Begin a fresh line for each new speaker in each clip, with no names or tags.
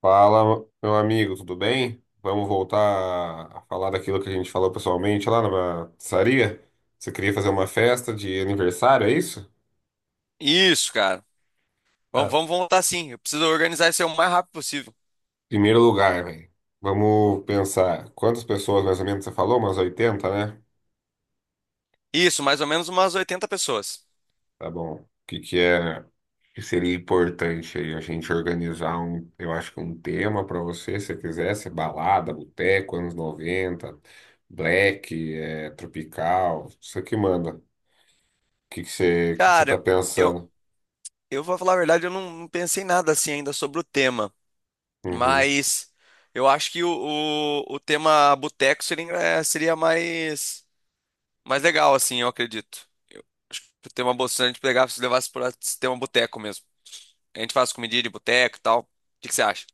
Fala, meu amigo, tudo bem? Vamos voltar a falar daquilo que a gente falou pessoalmente lá na pizzaria? Você queria fazer uma festa de aniversário, é isso?
Isso, cara. Vamos,
É.
vamos voltar sim. Eu preciso organizar isso aí o mais rápido possível.
Primeiro lugar, velho. Vamos pensar. Quantas pessoas mais ou menos você falou? Umas 80, né?
Isso, mais ou menos umas 80 pessoas.
Tá bom. O que que é que seria importante aí a gente organizar eu acho que um tema pra você, se você quisesse, balada, boteco, anos 90 black, tropical, isso que manda. O que que você tá
Cara, eu,
pensando?
eu vou falar a verdade, eu não pensei nada assim ainda sobre o tema.
Uhum.
Mas eu acho que o tema boteco seria mais, legal, assim, eu acredito. Eu acho que o tema boteco, se a gente pegar, se levasse para tema boteco mesmo. A gente faz comidinha de boteco e tal. O que que você acha?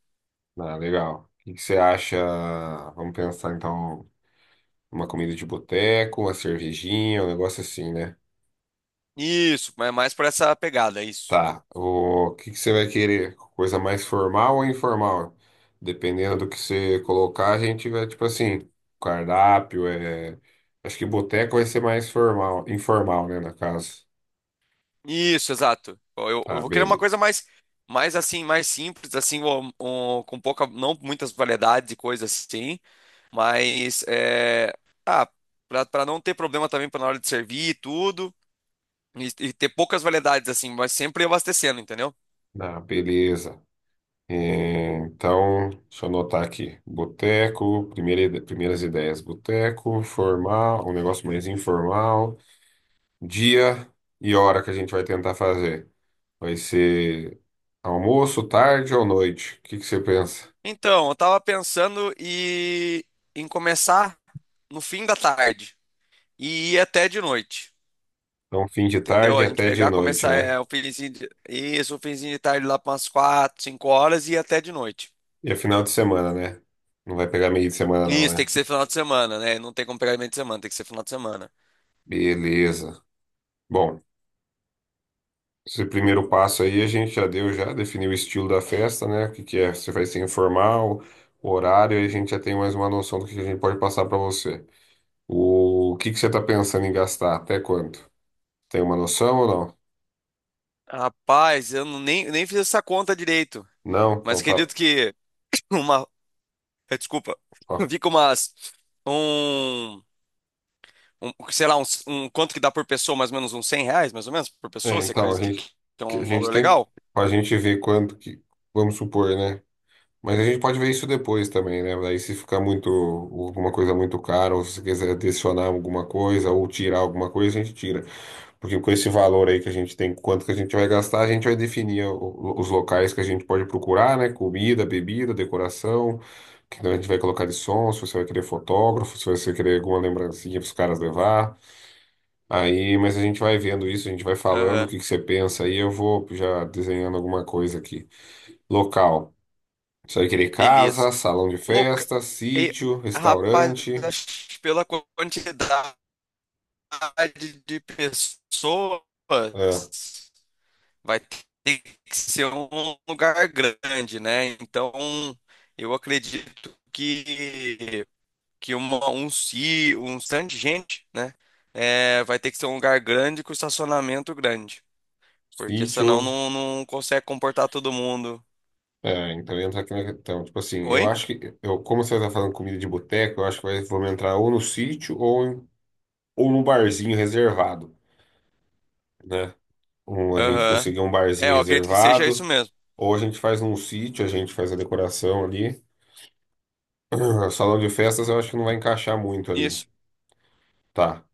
Ah, legal. O que que você acha? Vamos pensar então uma comida de boteco, uma cervejinha, um negócio assim, né?
Isso, mas mais por essa pegada, isso.
Tá. O que que você vai querer? Coisa mais formal ou informal? Dependendo do que você colocar, a gente vai tipo assim, cardápio é, acho que boteco vai ser mais formal, informal, né, na casa.
Isso, exato. Eu
Tá,
vou querer uma
beleza.
coisa mais assim, mais simples, assim, com pouca, não muitas variedades de coisas assim, mas é, ah, pra não ter problema também pra na hora de servir e tudo, e ter poucas variedades assim, mas sempre abastecendo, entendeu?
Ah, beleza. É, então, deixa eu anotar aqui. Boteco, primeiras ideias. Boteco, formal, um negócio mais informal. Dia e hora que a gente vai tentar fazer. Vai ser almoço, tarde ou noite? O que que você pensa?
Então, eu tava pensando em começar no fim da tarde e ir até de noite.
Então, fim de
Entendeu?
tarde
A gente
até de
pegar,
noite,
começar
né?
o finzinho de, isso, o finzinho de tarde lá para umas 4 5 horas e ir até de noite.
E é final de semana, né? Não vai pegar meio de semana, não,
Isso, tem
né?
que ser final de semana, né? Não tem como pegar meio de semana, tem que ser final de semana.
Beleza. Bom. Esse primeiro passo aí a gente já deu, já definiu o estilo da festa, né? O que que é, se vai ser informal, o horário, aí a gente já tem mais uma noção do que a gente pode passar para você. O que que você está pensando em gastar? Até quanto? Tem uma noção ou não?
Rapaz, eu nem fiz essa conta direito.
Não?
Mas
Então tá.
acredito que uma. Desculpa.
Ó.
Fica umas. Um, Sei lá, Quanto que dá por pessoa? Mais ou menos uns 100 reais, mais ou menos, por
É,
pessoa? Você
então a
acredita que,
gente,
que é
que a
um
gente
valor
tem que.
legal?
A gente ver quanto que. Vamos supor, né? Mas a gente pode ver isso depois também, né? Daí se ficar muito, alguma coisa muito cara, ou se você quiser adicionar alguma coisa, ou tirar alguma coisa, a gente tira. Porque com esse valor aí que a gente tem, quanto que a gente vai gastar, a gente vai definir os locais que a gente pode procurar, né? Comida, bebida, decoração, que a gente vai colocar de som, se você vai querer fotógrafo, se você vai querer alguma lembrancinha para os caras levar. Aí, mas a gente vai vendo isso, a gente vai falando o
Aham.
que que você pensa aí, eu vou já desenhando alguma coisa aqui. Local. Isso aí querer
Beleza.
casa, salão de
Louca.
festa,
E,
sítio,
rapaz,
restaurante,
acho que pela quantidade de pessoas.
é,
vai ter que ser um lugar grande, né? Então, eu acredito que um stand de gente, né? É, vai ter que ser um lugar grande com estacionamento grande, porque senão
sítio.
não consegue comportar todo mundo.
É, então entra aqui na questão. Tipo assim, eu
Oi?
acho que, como você está falando comida de boteco, eu acho que vai, vamos entrar ou no sítio ou num barzinho reservado, né? Ou a gente
Aham.
conseguir um
É,
barzinho
eu acredito que seja isso
reservado,
mesmo.
ou a gente faz num sítio, a gente faz a decoração ali. Salão de festas eu acho que não vai encaixar muito ali.
Isso.
Tá,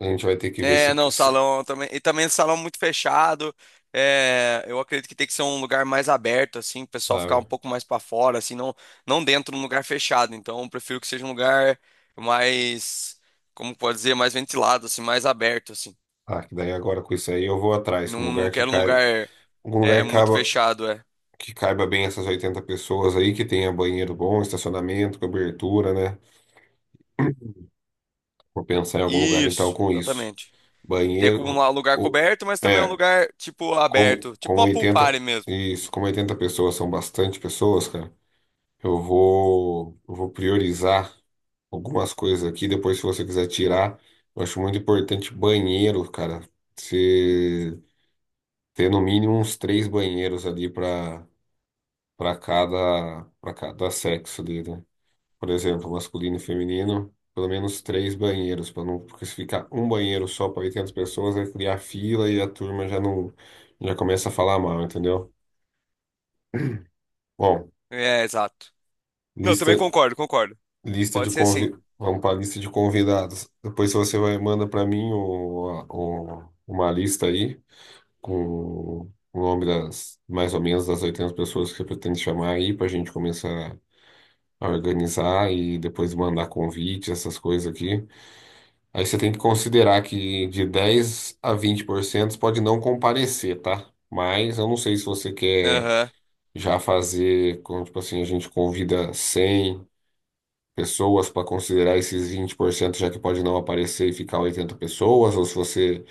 a gente vai ter que ver
É, não, salão também. E também salão muito fechado. É, eu acredito que tem que ser um lugar mais aberto, assim, o pessoal ficar
ah,
um pouco mais para fora, assim, não dentro de um lugar fechado. Então, eu prefiro que seja um lugar mais, como pode dizer, mais ventilado, assim, mais aberto, assim.
ah, que daí agora com isso aí eu vou atrás, um
Não, não
lugar que
quero um
cai.
lugar
Algum lugar
muito fechado.
que caiba bem essas 80 pessoas aí, que tenha banheiro bom, estacionamento, cobertura, né? Vou pensar em algum lugar então
Isso,
com isso.
exatamente. Tem como
Banheiro,
um lugar
o,
coberto, mas também um
é,
lugar, tipo, aberto. Tipo
como
uma pool party mesmo.
como 80 pessoas são bastante pessoas, cara, eu vou priorizar algumas coisas aqui. Depois, se você quiser tirar, eu acho muito importante banheiro, cara. Você ter no mínimo uns três banheiros ali para para cada sexo ali, né? Por exemplo, masculino e feminino, pelo menos três banheiros, para não, porque se ficar um banheiro só para 800 pessoas, vai criar fila e a turma já não, já começa a falar mal, entendeu? Bom,
É, exato. Não, também
lista,
concordo, concordo. Pode ser sim.
vamos para a lista de convidados. Depois você vai manda para mim uma lista aí com o nome das mais ou menos das 800 pessoas que você pretende chamar aí para a gente começar organizar e depois mandar convite, essas coisas aqui. Aí você tem que considerar que de 10 a 20% pode não comparecer, tá? Mas eu não sei se você quer
Aham.
já fazer, tipo assim, a gente convida 100 pessoas para considerar esses 20% já que pode não aparecer e ficar 80 pessoas, ou se você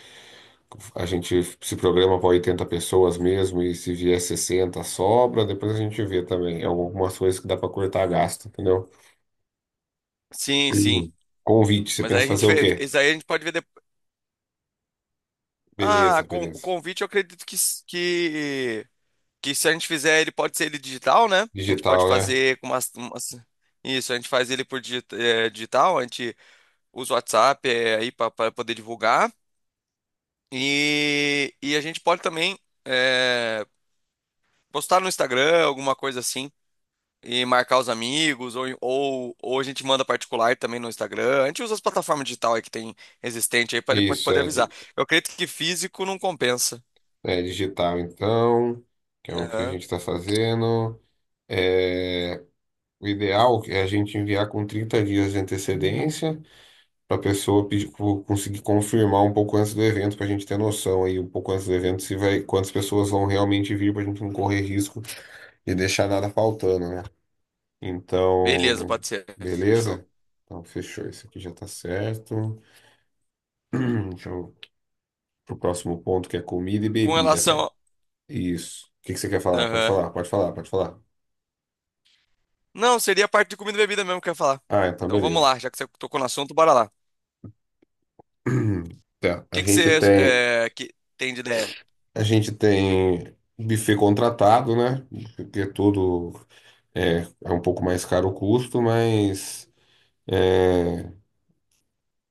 a gente se programa para 80 pessoas mesmo e se vier 60 sobra, depois a gente vê também. É algumas coisas que dá para cortar gasto, entendeu?
Sim, sim.
Uhum. Convite, você
Mas aí
pensa
a
fazer
gente
o
vê,
quê?
isso aí a gente pode ver depois. Ah,
Beleza,
o
beleza.
convite eu acredito que se a gente fizer ele, pode ser ele digital, né? A gente pode
Digital, né?
fazer com isso, a gente faz ele por digital, a gente usa o WhatsApp aí para poder divulgar. E a gente pode também eh, postar no Instagram, alguma coisa assim, e marcar os amigos, ou a gente manda particular também no Instagram. A gente usa as plataformas digitais aí que tem existente aí para
Isso,
poder avisar. Eu acredito que físico não compensa.
é digital, então, que é o que a gente
Aham.
está fazendo. É, o ideal é a gente enviar com 30 dias de antecedência para a pessoa conseguir confirmar um pouco antes do evento, para a gente ter noção aí, um pouco antes do evento, se vai, quantas pessoas vão realmente vir, para a gente não correr risco de deixar nada faltando, né?
Beleza,
Então,
pode ser. Fechou.
beleza? Então, fechou. Isso aqui já está certo. Deixa eu pro próximo ponto, que é comida e
Com
bebida,
relação.
cara.
A-
Isso. O que que você quer falar? Pode
Aham.
falar, pode falar, pode falar.
Não, seria a parte de comida e bebida mesmo que eu ia falar.
Ah, então
Então vamos
beleza.
lá, já que você tocou no assunto, bora lá. O
Tá.
que que você que tem de ideia?
A gente tem buffet contratado, né? Porque tudo é, é um pouco mais caro o custo, mas é,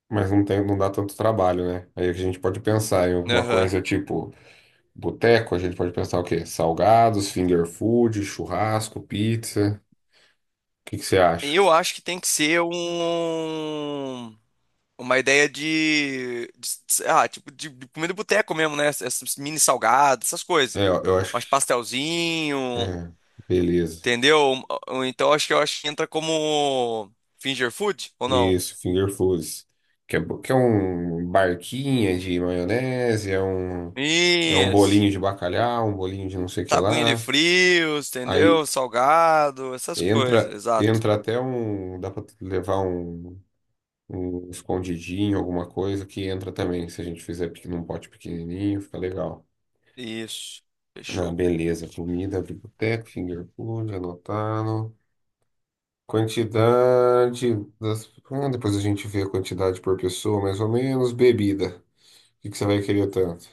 mas não tem, não dá tanto trabalho, né? Aí a gente pode pensar em alguma
Aham.
coisa tipo boteco, a gente pode pensar o quê? Salgados, finger food, churrasco, pizza. O que que você acha?
Eu acho que tem que ser um. Uma ideia sei lá, tipo, de comida de boteco mesmo, né? Essas mini salgadas, essas
É,
coisas.
eu acho
Mas
que.
pastelzinho,
É, beleza.
entendeu? Ou Então acho que eu acho que entra como finger food ou não?
Isso, finger foods. Que é, que é um barquinha de maionese, é um
Isso.
bolinho de bacalhau, um bolinho de não sei o que
Tabuinha de
lá.
frios,
Aí
entendeu? Salgado, essas coisas, exato.
entra até um. Dá pra levar um escondidinho, alguma coisa que entra também. Se a gente fizer num pote pequenininho, fica legal.
Isso.
Ah,
Fechou.
beleza. Comida, biblioteca, finger food, anotado. Quantidade das. Ah, depois a gente vê a quantidade por pessoa, mais ou menos. Bebida. O que que você vai querer tanto?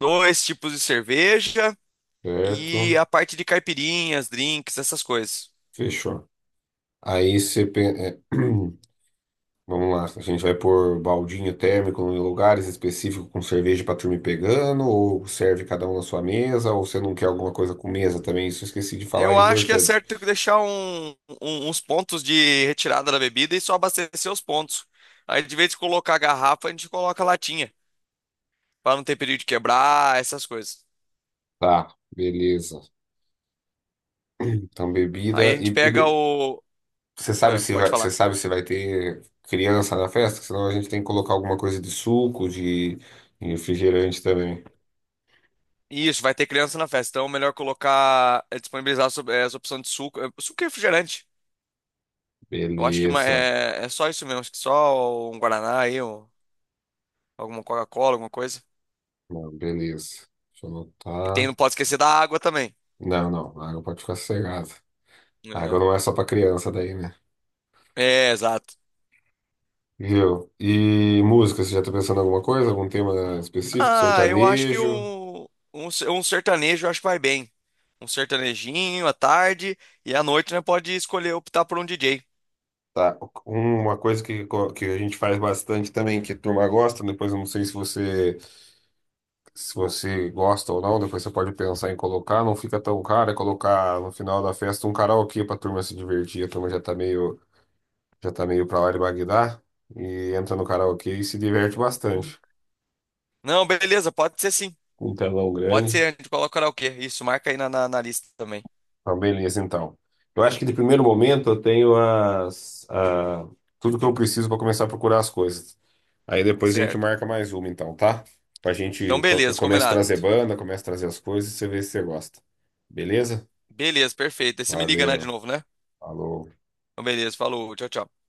Dois tipos de cerveja e
Certo?
a parte de caipirinhas, drinks, essas coisas.
Fechou. Aí você. Pen- é, Vamos lá. A gente vai pôr baldinho térmico em lugares específicos com cerveja pra turma ir pegando, ou serve cada um na sua mesa, ou você não quer alguma coisa com mesa também. Isso eu esqueci de falar, é
Eu acho que é
importante.
certo deixar uns pontos de retirada da bebida e só abastecer os pontos. Aí, de vez em colocar a garrafa, a gente coloca a latinha, para não ter perigo de quebrar, essas coisas.
Tá, beleza. Então,
Aí
bebida
a gente pega
e,
o. Pode
Você
falar.
sabe se vai ter criança na festa? Senão a gente tem que colocar alguma coisa de suco, de refrigerante também.
Isso, vai ter criança na festa, então é melhor colocar, disponibilizar essa opção de suco, suco e refrigerante. Eu acho que ma-
Beleza.
é, é só isso mesmo, acho que só um Guaraná aí, alguma Coca-Cola, alguma coisa.
Não, beleza. Deixa eu
E tem,
anotar.
não pode esquecer da água também.
Não, não. A água pode ficar sossegada. A água
Aham.
não é só pra criança daí, né?
É, exato.
Viu? E música, você já tá pensando em alguma coisa? Algum tema específico?
Ah, eu acho que
Sertanejo?
um sertanejo eu acho que vai bem. Um sertanejinho à tarde e à noite, né? Pode escolher optar por um DJ.
Tá. Uma coisa que a gente faz bastante também, que a turma gosta, depois eu não sei se você gosta ou não, depois você pode pensar em colocar, não fica tão caro, é colocar no final da festa um karaokê pra turma se divertir, a turma já tá meio pra lá de Bagdá, e entra no karaokê e se diverte bastante,
Não, beleza, pode ser sim.
um telão
Pode
grande,
ser, a gente coloca o karaokê. Isso, marca aí na lista também.
tá beleza então. Eu acho que de primeiro momento eu tenho tudo que eu preciso pra começar a procurar as coisas. Aí depois a gente
Certo.
marca mais uma então, tá? Pra gente,
Então,
eu
beleza,
começo a
combinado.
trazer banda, começo a trazer as coisas e você vê se você gosta. Beleza?
Beleza, perfeito. Aí você me liga, né, de
Valeu.
novo, né?
Falou.
Então, beleza, falou, tchau, tchau.